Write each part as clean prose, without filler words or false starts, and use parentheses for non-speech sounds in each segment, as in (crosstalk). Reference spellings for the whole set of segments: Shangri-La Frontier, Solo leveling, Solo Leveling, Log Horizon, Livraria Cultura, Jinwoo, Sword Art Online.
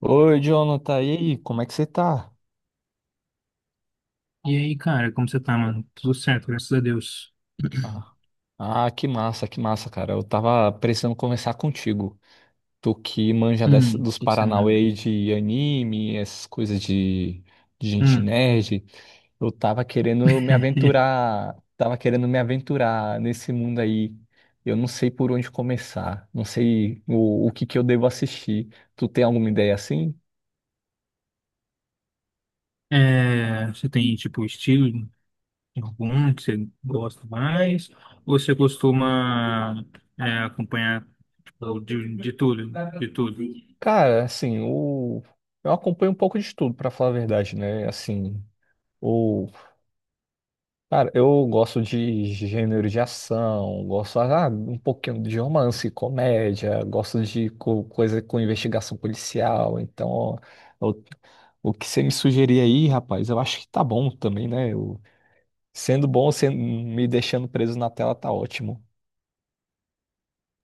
Oi, Jonathan, e aí, como é que você tá? E aí, cara, como você tá, mano? Tudo certo, graças a Deus. Ah, (clears throat) que massa, cara. Eu tava precisando conversar contigo. Tu que manja dos o que que você Paranauê manda? aí de anime, essas coisas de gente Hum. nerd. Eu tava querendo me (laughs) aventurar, tava querendo me aventurar nesse mundo aí. Eu não sei por onde começar, não sei o que que eu devo assistir. Tu tem alguma ideia assim? É, você tem, tipo, estilo algum que você gosta mais? Ou você costuma acompanhar tipo, de tudo? De tudo. Cara, assim, eu acompanho um pouco de tudo, pra falar a verdade, né? Assim. O Cara, eu gosto de gênero de ação, gosto um pouquinho de romance, comédia, gosto de coisa com investigação policial. Então, ó, o, o que você me sugerir aí, rapaz, eu acho que tá bom também, né? Sendo bom, sendo, me deixando preso na tela tá ótimo.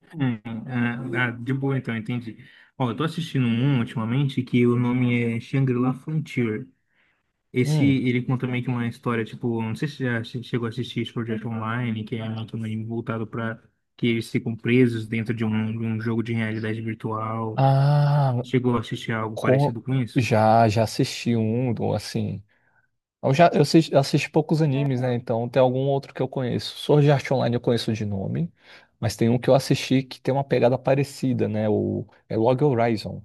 Hum, de boa, então, entendi. Ó, eu tô assistindo um ultimamente que o nome é Shangri-La Frontier. Esse, Hum. ele conta meio que uma história, tipo, não sei se chegou a assistir esse projeto online, que é meio que um anime voltado para que eles ficam presos dentro de um jogo de realidade virtual. Ah, Chegou a assistir algo com parecido com isso? Já assisti um, assim. Eu assisti poucos animes, né? Então tem algum outro que eu conheço. Sword Art Online eu conheço de nome, mas tem um que eu assisti que tem uma pegada parecida, né? O é Log Horizon.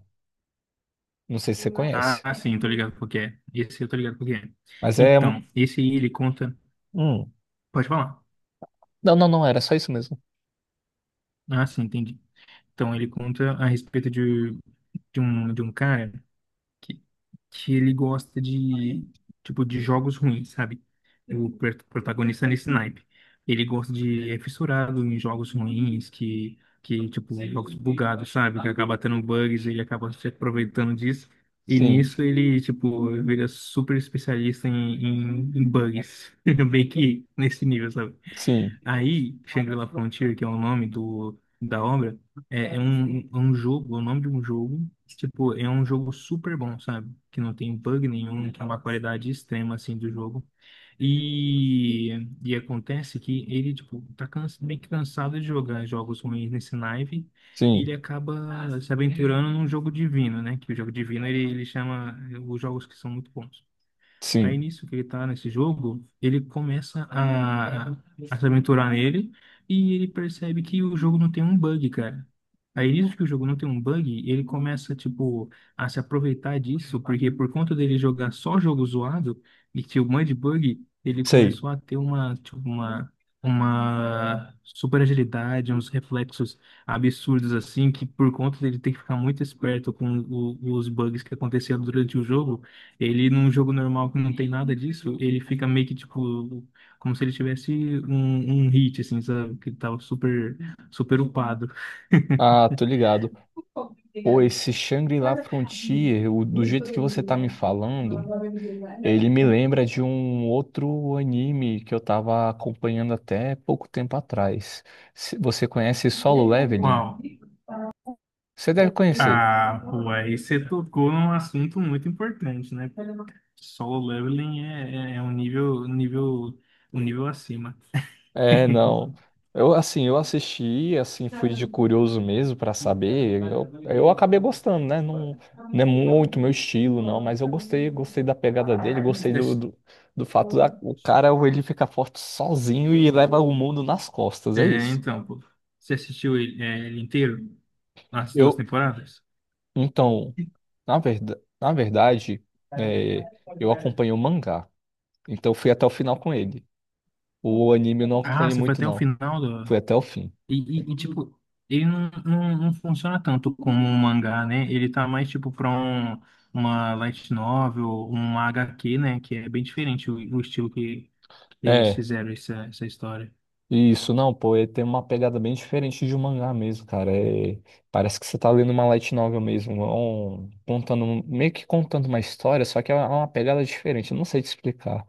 Não sei se você conhece, Ah, sim, tô ligado porque é. Esse eu tô ligado porque é. mas é um, Então, esse aí ele conta. hum. Pode falar. Não, era só isso mesmo. Ah, sim, entendi. Então, ele conta a respeito de um cara, que, que ele gosta de, tipo, de jogos ruins, sabe? O protagonista é nesse naipe. Ele gosta de, é fissurado em jogos ruins, que, tipo, jogos bugados, sabe? Que acaba tendo bugs, ele acaba se aproveitando disso. E Sim, nisso ele, tipo, vira super especialista em bugs. (laughs) Bem que nesse nível, sabe. sim, Aí, Shangri-La Frontier, que é o nome do, da obra, é, é um jogo, é o nome de um jogo, tipo, é um jogo super bom, sabe? Que não tem bug nenhum, que é uma qualidade extrema, assim, do jogo. E, e acontece que ele, tipo, tá cansa, meio que cansado de jogar jogos ruins nesse Nive, e ele sim, acaba se aventurando num jogo divino, né? Que o jogo divino, ele chama os jogos que são muito bons. Aí sim. nisso que ele tá nesse jogo, ele começa a se aventurar nele e ele percebe que o jogo não tem um bug, cara. Aí nisso que o jogo não tem um bug, ele começa, tipo, a se aproveitar disso, porque por conta dele jogar só jogo zoado e tinha um monte de bug, ele Sei. começou a ter uma, tipo, uma super agilidade, uns reflexos absurdos assim, que por conta dele ter que ficar muito esperto com os bugs que aconteciam durante o jogo, ele, num jogo normal que não tem nada disso, ele fica meio que, tipo, como se ele tivesse um, um hit, assim, sabe? Que ele tava super, super upado. Ah, tô (laughs) ligado. Pô, esse Shangri-La Frontier, do jeito que você tá me falando, ele me lembra de um outro anime que eu tava acompanhando até pouco tempo atrás. Você conhece Solo Uau. Leveling? Você deve conhecer. Ah, pô, aí você tocou num assunto muito importante, né? Solo leveling é, é um nível, um nível, um nível acima. É, não. Eu assim, eu assisti, assim, fui de curioso mesmo pra saber. Eu acabei Você. gostando, né? Não, não é muito meu estilo, não, mas eu gostei, gostei da pegada dele, gostei do, do fato da o cara ele fica forte sozinho e leva o mundo nas costas, é É, isso. então, pô, você assistiu ele, é, ele inteiro? As duas Eu, temporadas? então, na verdade, é, eu acompanhei o mangá. Então fui até o final com ele. O anime eu não Ah, acompanhei você foi muito, até o não. final do... Fui até o fim. E, e, tipo, ele não, não funciona tanto como um mangá, né? Ele tá mais, tipo, pra um, uma light novel, uma HQ, né? Que é bem diferente o estilo que eles É, fizeram essa, essa história. isso, não, pô, ele tem uma pegada bem diferente de um mangá mesmo, cara. É, parece que você tá lendo uma light novel mesmo. Contando, um, meio que contando uma história, só que é uma pegada diferente. Eu não sei te explicar.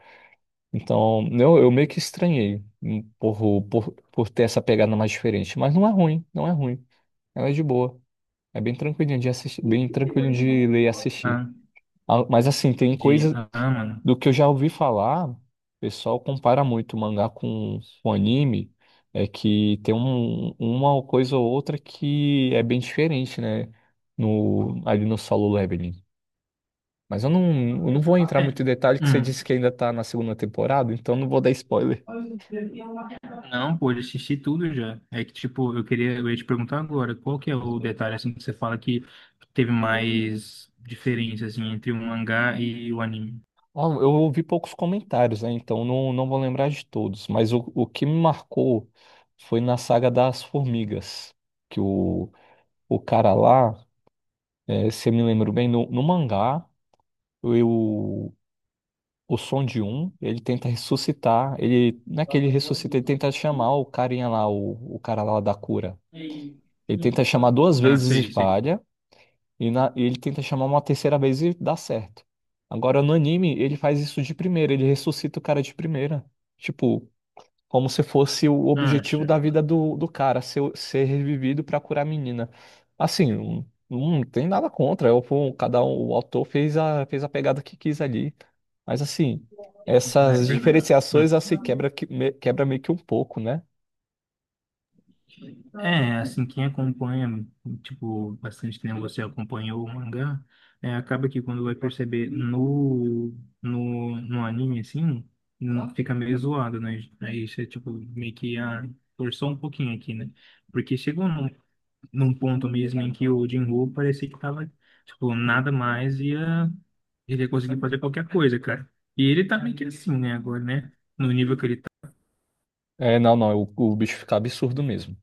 Então, eu meio que estranhei por ter essa pegada mais diferente. Mas não é ruim, não é ruim. Ela é de boa. É bem tranquilinho de assistir, bem tranquilo de ler e assistir. Ah, Ah, mas assim, tem de. coisa Ah, mano. do que eu já ouvi falar, o pessoal compara muito o mangá com o anime, é que tem uma coisa ou outra que é bem diferente, né? No, ali no Solo Leveling. Mas eu não vou entrar É. muito em detalhe, que você Hum. disse que ainda tá na segunda temporada, então eu não vou dar spoiler. Não, pô, eu assisti tudo já. É que, tipo, eu queria, eu ia te perguntar agora, qual que é o detalhe, assim, que você fala que teve mais diferença, assim, entre o mangá e o anime? Ó, eu ouvi poucos comentários, né? Então não, não vou lembrar de todos. Mas o que me marcou foi na saga das formigas. Que o cara lá, é, se eu me lembro bem, no mangá, o, o Som de Um, ele tenta ressuscitar. Ele, não é que ele ressuscita, ele tenta chamar o carinha lá, o cara lá da cura. Ele tenta chamar duas Ah, vezes e sei, sei. falha. E, ele tenta chamar uma terceira vez e dá certo. Agora, no anime, ele faz isso de primeira, ele ressuscita o cara de primeira. Tipo, como se fosse o Ah, objetivo acha. da vida do cara, ser, ser revivido pra curar a menina. Assim, não, não tem nada contra. Eu, pô, cada um, o autor fez fez a pegada que quis ali. Mas assim, É essas verdade. Hum. diferenciações assim quebra, quebra meio que um pouco, né? É, assim, quem acompanha, tipo, bastante tempo você acompanhou o mangá, é, acaba que quando vai perceber no, no anime, assim, não, fica meio zoado, né? Aí você, tipo, meio que ah, forçou um pouquinho aqui, né? Porque chegou num, num ponto mesmo em que o Jinwoo parecia que tava, tipo, Sim. nada mais ia, ele ia conseguir fazer qualquer coisa, cara. E ele tá meio que assim, né, agora, né? No nível que ele tá. É, não, não, o bicho fica absurdo mesmo.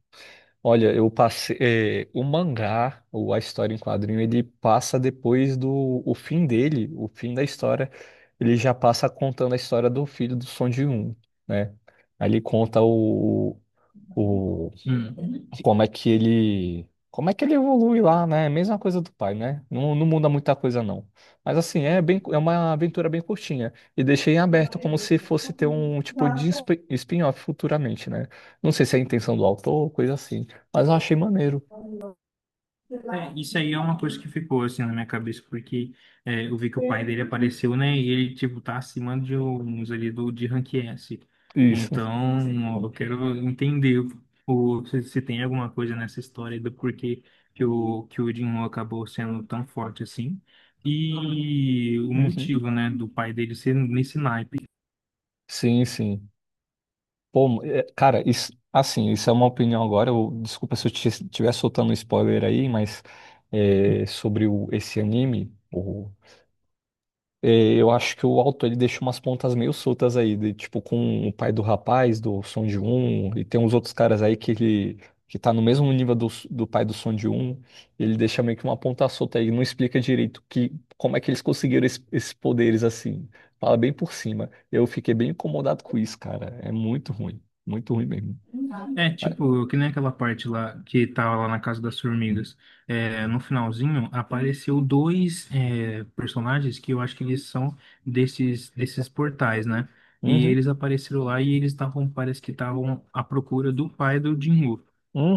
Olha, eu passei. Eh, o mangá, ou a história em quadrinho, ele passa depois do o fim dele, o fim da história. Ele já passa contando a história do filho do Son de Um, né? Aí ele conta o, como é que ele, como é que ele evolui lá, né? Mesma coisa do pai, né? Não, não muda muita coisa não. Mas assim, é Hum. bem, é uma aventura bem curtinha e deixei em aberto como se fosse ter um tipo de spin-off futuramente, né? Não sei se é a intenção do autor ou coisa assim, mas eu achei maneiro É, isso aí é uma coisa que ficou assim na minha cabeça, porque é, eu vi que o pai dele apareceu, né? E ele, tipo, tá acima de uns ali do, de rank S. isso. Então, ó, eu quero entender o, se tem alguma coisa nessa história do porquê que o Jinwoo acabou sendo tão forte assim. E o Uhum. motivo, né, do pai dele ser nesse naipe. Sim, sim. Pô, é, cara, isso, assim, isso é uma opinião agora. Eu, desculpa se eu estiver soltando um spoiler aí, mas é, sobre esse anime, o é, eu acho que o autor ele deixou umas pontas meio soltas aí, de, tipo com o pai do rapaz, do Son de Um e tem uns outros caras aí que tá no mesmo nível do pai do Son de Um, ele deixa meio que uma ponta solta aí, não explica direito que como é que eles conseguiram esses poderes assim. Fala bem por cima. Eu fiquei bem incomodado com isso, cara. É muito ruim mesmo. É, tipo, que nem aquela parte lá que tava lá na Casa das Formigas. É, no finalzinho apareceu dois é, personagens que eu acho que eles são desses, desses portais, né? E Uhum, eles apareceram lá e eles estavam, parece que estavam à procura do pai do Jinwoo.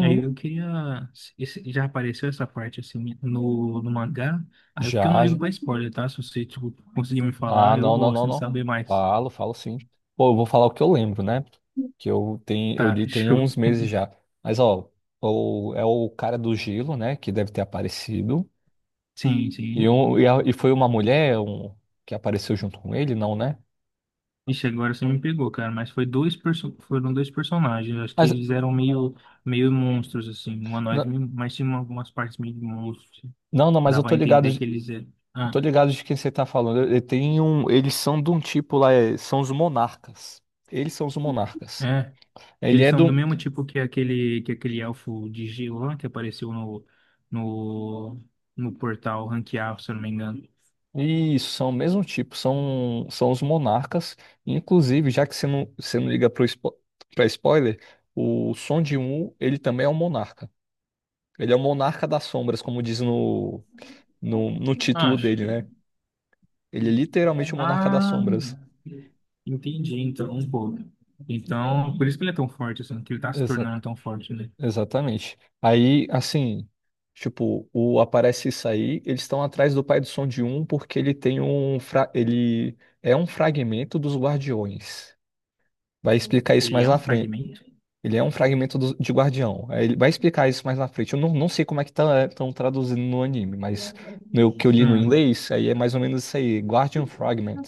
Aí eu queria. Esse. Já apareceu essa parte assim no, no mangá? Aí, porque eu não Já, ligo pra spoiler, tá? Se você, tipo, conseguir me Ah, falar, eu não, não, gosto não, de não. saber mais. Falo, falo sim. Pô, eu vou falar o que eu lembro, né? Que eu tenho, eu Tá, li (laughs) tem fechou. uns meses já. Mas, ó, é o cara do gelo, né? Que deve ter aparecido. Sim, E, sim. um, e, a- e foi uma mulher um, que apareceu junto com ele, não, né? Ixi, agora você me pegou, cara, mas foi dois foram dois personagens, acho que Mas, eles eram meio, meio monstros, assim, n- humanoides, meio, mas tinha algumas partes meio de monstros, não, não, mas eu dava a tô ligado, entender que eles eram, eu ah, tô ligado de quem você tá falando. Ele tem um, eles são de um tipo lá, são os monarcas. Eles são os monarcas. é, Ele eles é são do do mesmo tipo que aquele elfo de gelo lá, que apareceu no, no, no portal ranquear, se eu não me engano, isso, são o mesmo tipo, são, são os monarcas. Inclusive, já que você não liga para spo pra spoiler, o Son de Um ele também é um monarca. Ele é o monarca das sombras, como diz no título acho, dele, né? Ele é literalmente o monarca das ah, sombras. entendi, então, um pouco, então, por isso que ele é tão forte, assim, que ele tá se Exa- tornando tão forte, né? Exatamente. Aí, assim, tipo, o aparece isso aí, eles estão atrás do pai do Som de Um porque ele tem um fra ele é um fragmento dos guardiões. Vai explicar isso Ele mais é na um frente, fragmento? ele é um fragmento de Guardião. Aí ele vai explicar isso mais na frente. Eu não, não sei como é que estão traduzindo no anime, mas no que eu li no Hum, inglês, aí é mais ou menos isso aí, Guardian Fragment.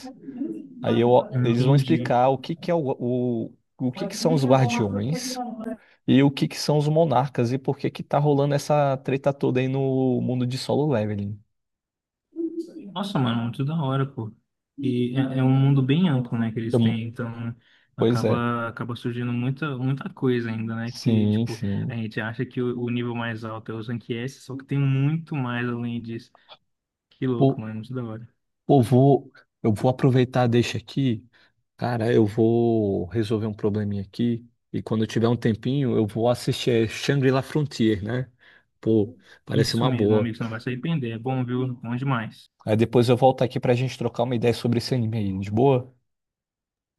Eles vão entendi. explicar o que que é o que que são os Guardiões e o que que são os Monarcas e por que que tá rolando essa treta toda aí no mundo de Solo Leveling. Nossa, mano, muito da hora, pô. E é, é um mundo bem amplo, né, que eles Eu não- têm, então Pois é. acaba, acaba surgindo muita, muita coisa ainda, né, que, Sim, tipo, a sim. gente acha que o nível mais alto é o Rank S, só que tem muito mais além disso. Que louco, Por- mano, muito da hora. Pô, vou, eu vou aproveitar deixa aqui. Cara, eu vou resolver um probleminha aqui. E quando eu tiver um tempinho, eu vou assistir é, Shangri-La Frontier, né? Pô, parece Isso uma mesmo, boa. amigo, você não vai se arrepender, é bom, viu? É bom demais. Aí depois eu volto aqui pra gente trocar uma ideia sobre esse anime aí, de boa?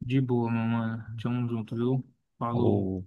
De boa, meu mano. Tamo junto, viu? Falou. Falou.